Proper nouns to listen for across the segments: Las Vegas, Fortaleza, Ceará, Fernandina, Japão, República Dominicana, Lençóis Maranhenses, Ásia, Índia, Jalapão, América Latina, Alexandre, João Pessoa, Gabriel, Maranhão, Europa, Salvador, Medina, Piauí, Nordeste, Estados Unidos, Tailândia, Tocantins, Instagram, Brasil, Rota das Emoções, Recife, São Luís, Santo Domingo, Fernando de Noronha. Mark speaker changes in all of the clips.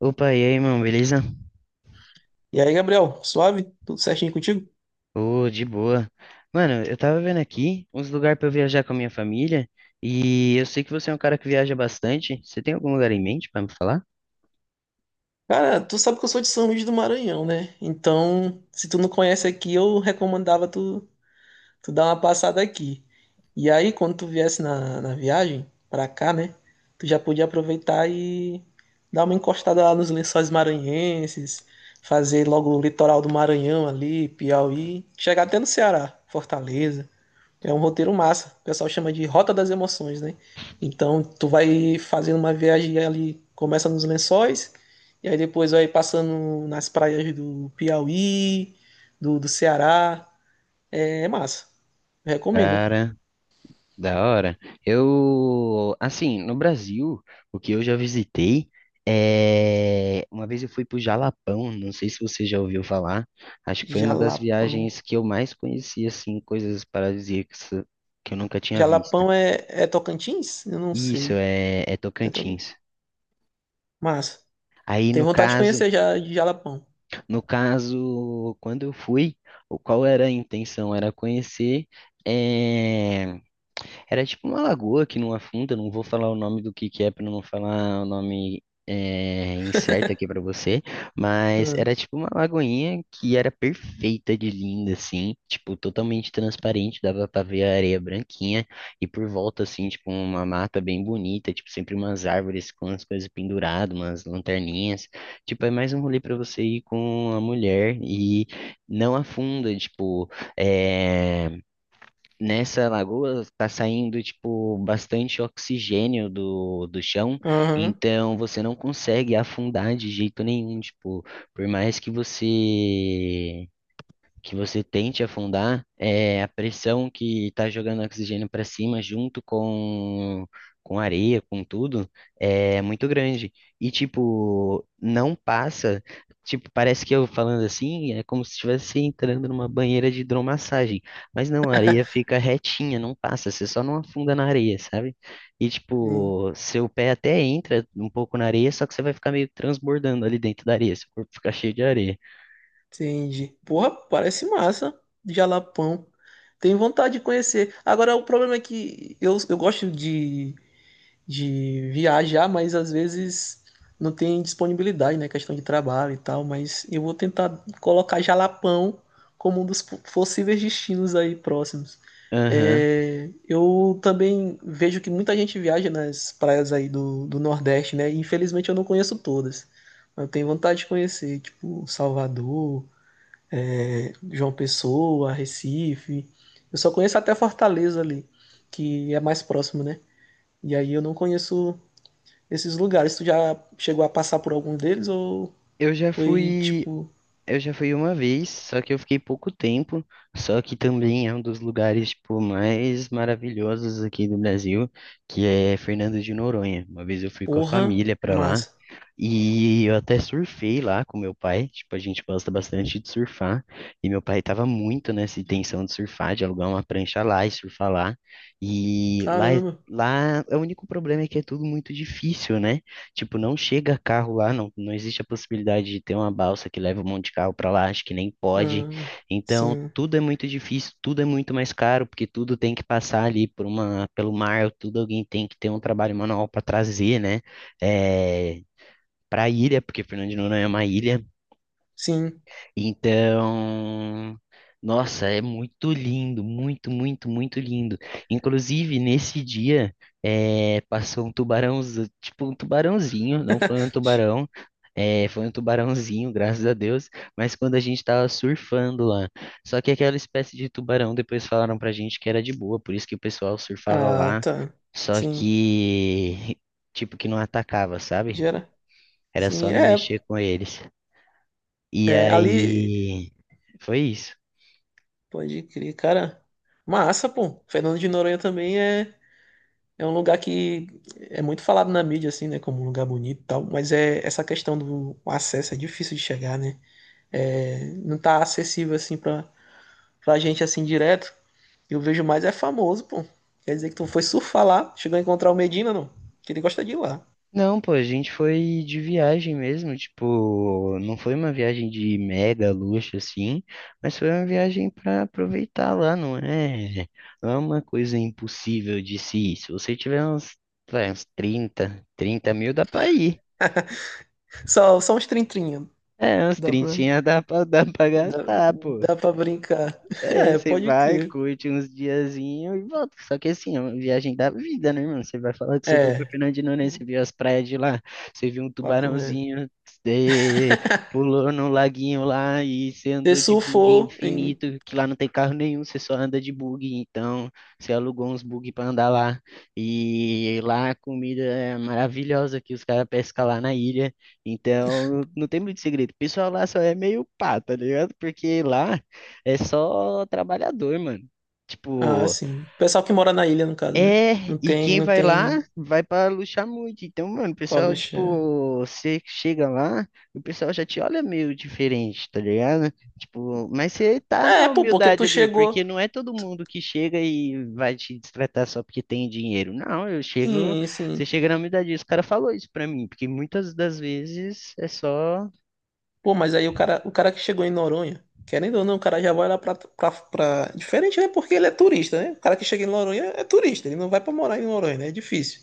Speaker 1: Opa, e aí, mano, beleza?
Speaker 2: E aí, Gabriel, suave? Tudo certinho contigo?
Speaker 1: Ô, de boa. Mano, eu tava vendo aqui uns lugares pra eu viajar com a minha família e eu sei que você é um cara que viaja bastante. Você tem algum lugar em mente pra me falar?
Speaker 2: Cara, tu sabe que eu sou de São Luís do Maranhão, né? Então, se tu não conhece aqui, eu recomendava tu, tu dar uma passada aqui. E aí, quando tu viesse na viagem pra cá, né? Tu já podia aproveitar e dar uma encostada lá nos lençóis maranhenses, fazer logo o litoral do Maranhão ali, Piauí, chegar até no Ceará, Fortaleza. É um roteiro massa. O pessoal chama de Rota das Emoções, né? Então, tu vai fazendo uma viagem ali, começa nos Lençóis, e aí depois vai passando nas praias do Piauí, do Ceará. É, é massa. Recomendo.
Speaker 1: Cara, da hora. Eu, assim, no Brasil, o que eu já visitei é. Uma vez eu fui pro Jalapão, não sei se você já ouviu falar. Acho que foi uma das
Speaker 2: Jalapão.
Speaker 1: viagens que eu mais conheci, assim, coisas paradisíacas que eu nunca tinha visto.
Speaker 2: Jalapão é, é Tocantins? Eu não
Speaker 1: Isso,
Speaker 2: sei.
Speaker 1: é, é
Speaker 2: É Toc-
Speaker 1: Tocantins.
Speaker 2: Massa.
Speaker 1: Aí no
Speaker 2: Tenho vontade de
Speaker 1: caso,
Speaker 2: conhecer já de Jalapão.
Speaker 1: no caso, quando eu fui, qual era a intenção? Era conhecer, eh, era tipo uma lagoa que não afunda, não vou falar o nome do que é para não falar o nome é, incerto aqui para você, mas
Speaker 2: Hum.
Speaker 1: era tipo uma lagoinha que era perfeita de linda, assim, tipo totalmente transparente, dava para ver a areia branquinha e por volta, assim, tipo uma mata bem bonita, tipo sempre umas árvores com as coisas penduradas, umas lanterninhas, tipo é mais um rolê para você ir com a mulher e não afunda, tipo, é. Nessa lagoa está saindo tipo bastante oxigênio do chão,
Speaker 2: Aham.
Speaker 1: então você não consegue afundar de jeito nenhum, tipo, por mais que você tente afundar, é a pressão que está jogando oxigênio para cima junto com areia, com tudo, é muito grande. E, tipo, não passa. Tipo, parece que eu falando assim, é como se estivesse entrando numa banheira de hidromassagem. Mas não, a areia fica retinha, não passa, você só não afunda na areia, sabe? E,
Speaker 2: Hum.
Speaker 1: tipo, seu pé até entra um pouco na areia, só que você vai ficar meio transbordando ali dentro da areia, seu corpo fica cheio de areia.
Speaker 2: Entendi. Porra, parece massa. Jalapão. Tenho vontade de conhecer. Agora, o problema é que eu gosto de viajar, mas às vezes não tem disponibilidade, né? Questão de trabalho e tal. Mas eu vou tentar colocar Jalapão como um dos possíveis destinos aí próximos.
Speaker 1: Aham.
Speaker 2: É, eu também vejo que muita gente viaja nas praias aí do Nordeste, né? Infelizmente eu não conheço todas. Mas eu tenho vontade de conhecer, tipo, Salvador. João Pessoa, Recife. Eu só conheço até Fortaleza ali, que é mais próximo, né? E aí eu não conheço esses lugares. Tu já chegou a passar por algum deles ou
Speaker 1: Eu já
Speaker 2: foi
Speaker 1: fui.
Speaker 2: tipo,
Speaker 1: Eu já fui uma vez, só que eu fiquei pouco tempo, só que também é um dos lugares, tipo, mais maravilhosos aqui do Brasil, que é Fernando de Noronha. Uma vez eu fui com a
Speaker 2: porra,
Speaker 1: família pra lá,
Speaker 2: massa.
Speaker 1: e eu até surfei lá com meu pai, tipo, a gente gosta bastante de surfar, e meu pai tava muito nessa intenção de surfar, de alugar uma prancha lá e surfar lá, e
Speaker 2: Caramba.
Speaker 1: lá é o único problema é que é tudo muito difícil, né? Tipo, não chega carro lá, não existe a possibilidade de ter uma balsa que leva um monte de carro pra lá, acho que nem pode,
Speaker 2: Ah,
Speaker 1: então
Speaker 2: sim,
Speaker 1: tudo é muito difícil, tudo é muito mais caro, porque tudo tem que passar ali por pelo mar, tudo alguém tem que ter um trabalho manual para trazer, né? eh, para ilha, porque Fernando de Noronha é uma ilha.
Speaker 2: sim.
Speaker 1: Então, nossa, é muito lindo, muito, muito, muito lindo. Inclusive, nesse dia, passou um tubarão, tipo um tubarãozinho, não foi um
Speaker 2: Chi-
Speaker 1: tubarão, foi um tubarãozinho, graças a Deus, mas quando a gente estava surfando lá. Só que aquela espécie de tubarão, depois falaram pra gente que era de boa, por isso que o pessoal surfava
Speaker 2: Ah,
Speaker 1: lá.
Speaker 2: tá.
Speaker 1: Só
Speaker 2: Sim.
Speaker 1: que, tipo, que não atacava, sabe?
Speaker 2: Gera.
Speaker 1: Era
Speaker 2: Sim,
Speaker 1: só não
Speaker 2: é,
Speaker 1: mexer com eles. E
Speaker 2: é. Ali,
Speaker 1: aí, foi isso.
Speaker 2: pode crer, cara. Massa, pô. Fernando de Noronha também é. É um lugar que é muito falado na mídia, assim, né? Como um lugar bonito e tal, mas é essa questão do acesso é difícil de chegar, né? É, não tá acessível, assim, pra, pra gente, assim, direto. Eu vejo mais é famoso, pô. Quer dizer que tu foi surfar lá, chegou a encontrar o Medina, não? Que ele gosta de ir lá.
Speaker 1: Não, pô, a gente foi de viagem mesmo, tipo, não foi uma viagem de mega luxo assim, mas foi uma viagem pra aproveitar lá, não é? Não é uma coisa impossível de se ir. Se você tiver uns trinta mil dá pra ir.
Speaker 2: Só, só uns trintrinha.
Speaker 1: É, uns
Speaker 2: Dá pra,
Speaker 1: 30 dá pra
Speaker 2: dá,
Speaker 1: gastar, pô.
Speaker 2: dá pra brincar.
Speaker 1: É,
Speaker 2: É,
Speaker 1: você
Speaker 2: pode
Speaker 1: vai,
Speaker 2: crer.
Speaker 1: curte uns diazinhos e volta. Só que assim, é uma viagem da vida, né, irmão? Você vai falar que você foi pra
Speaker 2: É,
Speaker 1: Fernandina, né? Você viu as praias de lá, você viu um
Speaker 2: papo reto.
Speaker 1: tubarãozinho, você pulou no laguinho lá e você
Speaker 2: Você
Speaker 1: andou de bug
Speaker 2: surfou em...
Speaker 1: infinito, que lá não tem carro nenhum, você só anda de bug. Então, você alugou uns bug pra andar lá. E lá a comida é maravilhosa que os caras pescam lá na ilha. Então, não tem muito segredo. O pessoal lá só é meio pá, tá ligado? Porque lá. É só trabalhador, mano.
Speaker 2: Ah,
Speaker 1: Tipo,
Speaker 2: sim. Pessoal que mora na ilha, no caso, né?
Speaker 1: é,
Speaker 2: Não
Speaker 1: e
Speaker 2: tem,
Speaker 1: quem
Speaker 2: não
Speaker 1: vai lá
Speaker 2: tem
Speaker 1: vai pra luxar muito. Então, mano, o
Speaker 2: O
Speaker 1: pessoal,
Speaker 2: Alexandre.
Speaker 1: tipo, você chega lá, o pessoal já te olha meio diferente, tá ligado? Tipo, mas você tá
Speaker 2: É, é,
Speaker 1: na
Speaker 2: pô, porque
Speaker 1: humildade
Speaker 2: tu
Speaker 1: ali, porque
Speaker 2: chegou.
Speaker 1: não é todo mundo que chega e vai te destratar só porque tem dinheiro. Não, eu chego,
Speaker 2: Sim,
Speaker 1: você
Speaker 2: sim.
Speaker 1: chega na humildade. Esse cara falou isso pra mim, porque muitas das vezes é só.
Speaker 2: Pô, mas aí o cara que chegou em Noronha, querendo ou não, o cara já vai lá pra, pra, pra- Diferente, né? Porque ele é turista, né? O cara que chega em Noronha é turista, ele não vai pra morar em Noronha, né? É difícil.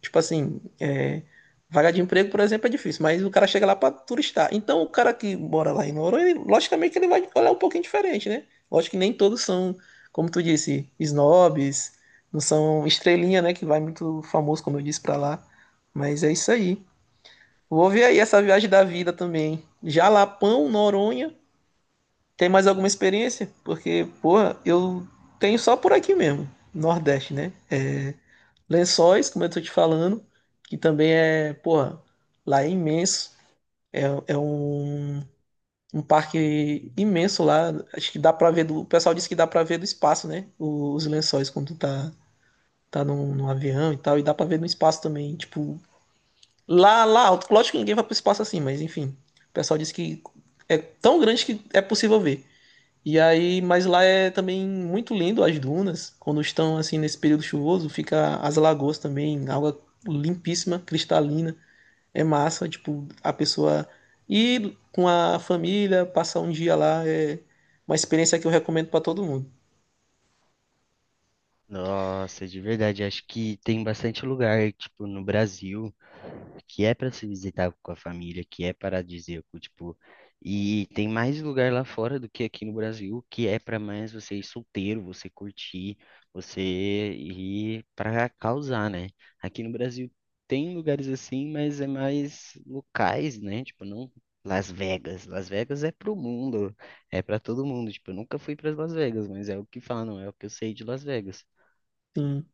Speaker 2: Tipo assim, é, vaga de emprego, por exemplo, é difícil, mas o cara chega lá para turistar. Então, o cara que mora lá em Noronha, ele- logicamente que ele vai olhar um pouquinho diferente, né? Lógico que nem todos são, como tu disse, snobs, não são estrelinha, né? Que vai muito famoso, como eu disse, para lá. Mas é isso aí. Vou ver aí essa viagem da vida também. Jalapão, Noronha. Tem mais alguma experiência? Porque, porra, eu tenho só por aqui mesmo, Nordeste, né? É, Lençóis, como eu tô te falando, que também é, porra, lá é imenso. É, é um, um parque imenso lá. Acho que dá pra ver do. O pessoal disse que dá pra ver do espaço, né? O- Os lençóis quando tu tá, tá num, num avião e tal. E dá pra ver no espaço também. Tipo, lá, lá alto. Lógico que ninguém vai pro espaço assim, mas enfim. O pessoal disse que é tão grande que é possível ver. E aí, mas lá é também muito lindo as dunas, quando estão assim nesse período chuvoso, fica as lagoas também, água limpíssima, cristalina, é massa, tipo, a pessoa ir com a família, passar um dia lá é uma experiência que eu recomendo para todo mundo.
Speaker 1: Nossa, de verdade, acho que tem bastante lugar, tipo, no Brasil, que é para se visitar com a família, que é paradisíaco, tipo, e tem mais lugar lá fora do que aqui no Brasil, que é para mais você ir solteiro, você curtir, você ir para causar, né? Aqui no Brasil tem lugares assim, mas é mais locais, né? Tipo, não Las Vegas. Las Vegas é pro mundo, é para todo mundo. Tipo, eu nunca fui para Las Vegas, mas é o que falam, é o que eu sei de Las Vegas.
Speaker 2: Sim.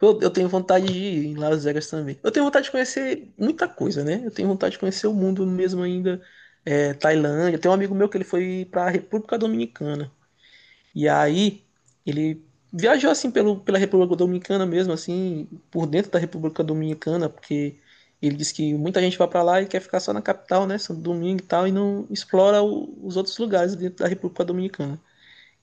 Speaker 2: Eu tenho vontade de ir em Las Vegas também. Eu tenho vontade de conhecer muita coisa, né? Eu tenho vontade de conhecer o mundo mesmo ainda, é, Tailândia. Tem um amigo meu que ele foi para a República Dominicana. E aí ele viajou assim pelo, pela República Dominicana mesmo, assim, por dentro da República Dominicana, porque ele disse que muita gente vai para lá e quer ficar só na capital, né, Santo Domingo e tal, e não explora o- os outros lugares dentro da República Dominicana.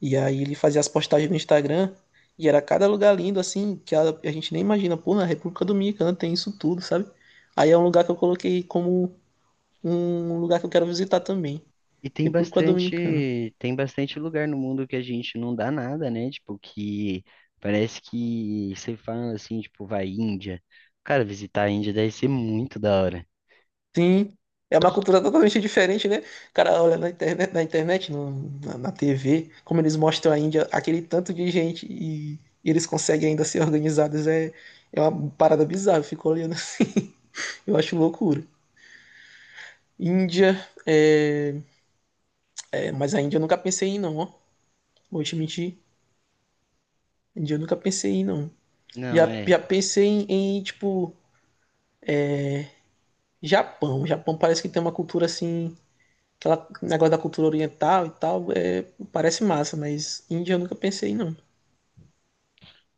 Speaker 2: E aí ele fazia as postagens no Instagram e era cada lugar lindo, assim, que a gente nem imagina, pô, na República Dominicana tem isso tudo, sabe? Aí é um lugar que eu coloquei como um lugar que eu quero visitar também,
Speaker 1: E
Speaker 2: República Dominicana.
Speaker 1: tem bastante lugar no mundo que a gente não dá nada, né? Tipo, que parece que você fala assim, tipo, vai Índia. Cara, visitar a Índia deve ser muito da hora.
Speaker 2: Sim, é uma cultura totalmente diferente, né? O cara olha na internet, no- na TV, como eles mostram a Índia, aquele tanto de gente e eles conseguem ainda ser organizados, é, é uma parada bizarra, eu fico olhando, assim, eu acho loucura. Índia, é, é, mas a Índia eu nunca pensei em ir, não, ó. Vou te mentir, Índia eu nunca pensei em ir, não.
Speaker 1: Não,
Speaker 2: Já,
Speaker 1: é.
Speaker 2: já pensei em, em, tipo, Japão. Japão parece que tem uma cultura assim, aquela negócio da cultura oriental e tal, é, parece massa, mas Índia eu nunca pensei, não.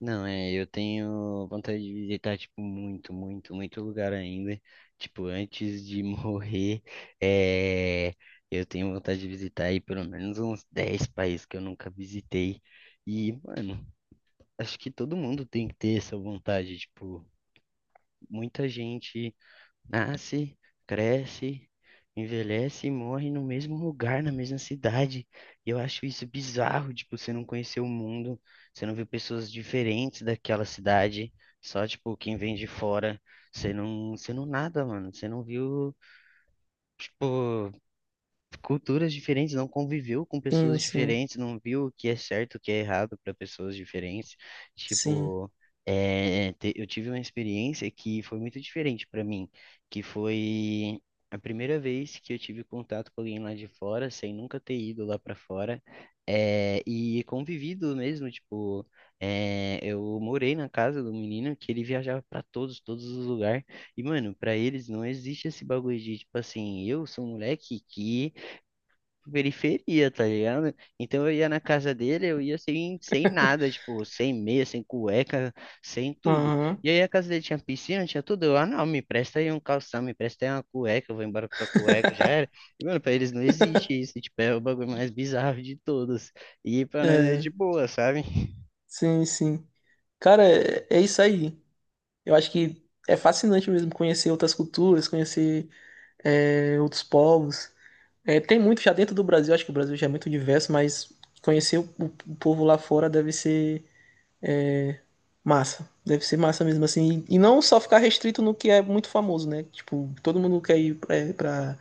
Speaker 1: Não, é. Eu tenho vontade de visitar, tipo, muito, muito, muito lugar ainda. Tipo, antes de morrer, é, eu tenho vontade de visitar aí pelo menos uns 10 países que eu nunca visitei. E, mano, acho que todo mundo tem que ter essa vontade, tipo. Muita gente nasce, cresce, envelhece e morre no mesmo lugar, na mesma cidade. E eu acho isso bizarro, tipo, você não conhecer o mundo, você não viu pessoas diferentes daquela cidade, só, tipo, quem vem de fora. Você não nada, mano. Você não viu, tipo, culturas diferentes, não conviveu com
Speaker 2: Sim,
Speaker 1: pessoas
Speaker 2: sim,
Speaker 1: diferentes, não viu o que é certo, o que é errado para pessoas diferentes.
Speaker 2: sim.
Speaker 1: Tipo, é, eu tive uma experiência que foi muito diferente para mim, que foi a primeira vez que eu tive contato com alguém lá de fora, sem nunca ter ido lá para fora, é, e convivido mesmo, tipo, é, eu morei na casa do menino que ele viajava para todos, todos os lugares. E, mano, pra eles não existe esse bagulho de, tipo assim, eu sou um moleque que periferia, tá ligado? Então eu ia na casa dele, eu ia sem nada, tipo, sem meia, sem cueca, sem tudo.
Speaker 2: Aham.
Speaker 1: E aí a casa dele tinha piscina, tinha tudo. Eu, ah, não, me presta aí um calção, me presta aí uma cueca, eu vou embora com sua cueca, já era. E, mano, pra eles não existe isso, tipo, é o bagulho mais bizarro de todos. E pra nós é
Speaker 2: É,
Speaker 1: de boa, sabe?
Speaker 2: sim, sim. Cara, é, é isso aí. Eu acho que é fascinante mesmo conhecer outras culturas, conhecer é, outros povos. É, tem muito já dentro do Brasil, acho que o Brasil já é muito diverso, mas conhecer o povo lá fora deve ser. Massa. Deve ser massa mesmo assim. E não só ficar restrito no que é muito famoso, né? Tipo, todo mundo quer ir pra, pra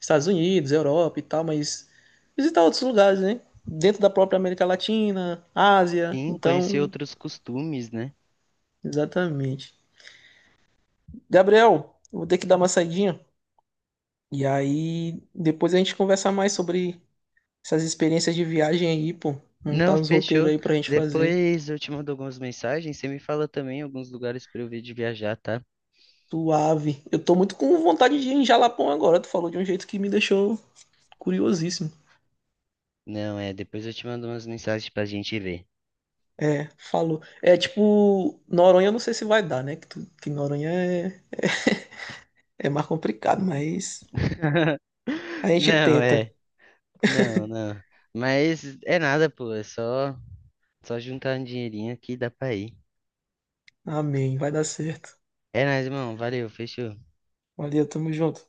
Speaker 2: Estados Unidos, Europa e tal, mas visitar outros lugares, né? Dentro da própria América Latina, Ásia.
Speaker 1: Sim, conhecer
Speaker 2: Então,
Speaker 1: outros costumes, né?
Speaker 2: exatamente. Gabriel, eu vou ter que dar uma saidinha. E aí, depois a gente conversa mais sobre essas experiências de viagem aí, pô.
Speaker 1: Não,
Speaker 2: Montar uns roteiros
Speaker 1: fechou.
Speaker 2: aí pra gente fazer.
Speaker 1: Depois eu te mando algumas mensagens, você me fala também alguns lugares pra eu ver de viajar, tá?
Speaker 2: Suave. Eu tô muito com vontade de ir em Jalapão agora. Tu falou de um jeito que me deixou curiosíssimo.
Speaker 1: Não, é, depois eu te mando umas mensagens pra gente ver.
Speaker 2: É, falou. É tipo, Noronha eu não sei se vai dar, né? Que, tu- que Noronha é, é mais complicado, mas a gente
Speaker 1: Não,
Speaker 2: tenta.
Speaker 1: é, não, não. Mas é nada, pô, é só juntar um dinheirinho aqui e dá pra ir.
Speaker 2: Amém, vai dar certo.
Speaker 1: É nóis, irmão, valeu, fechou.
Speaker 2: Valeu, tamo junto.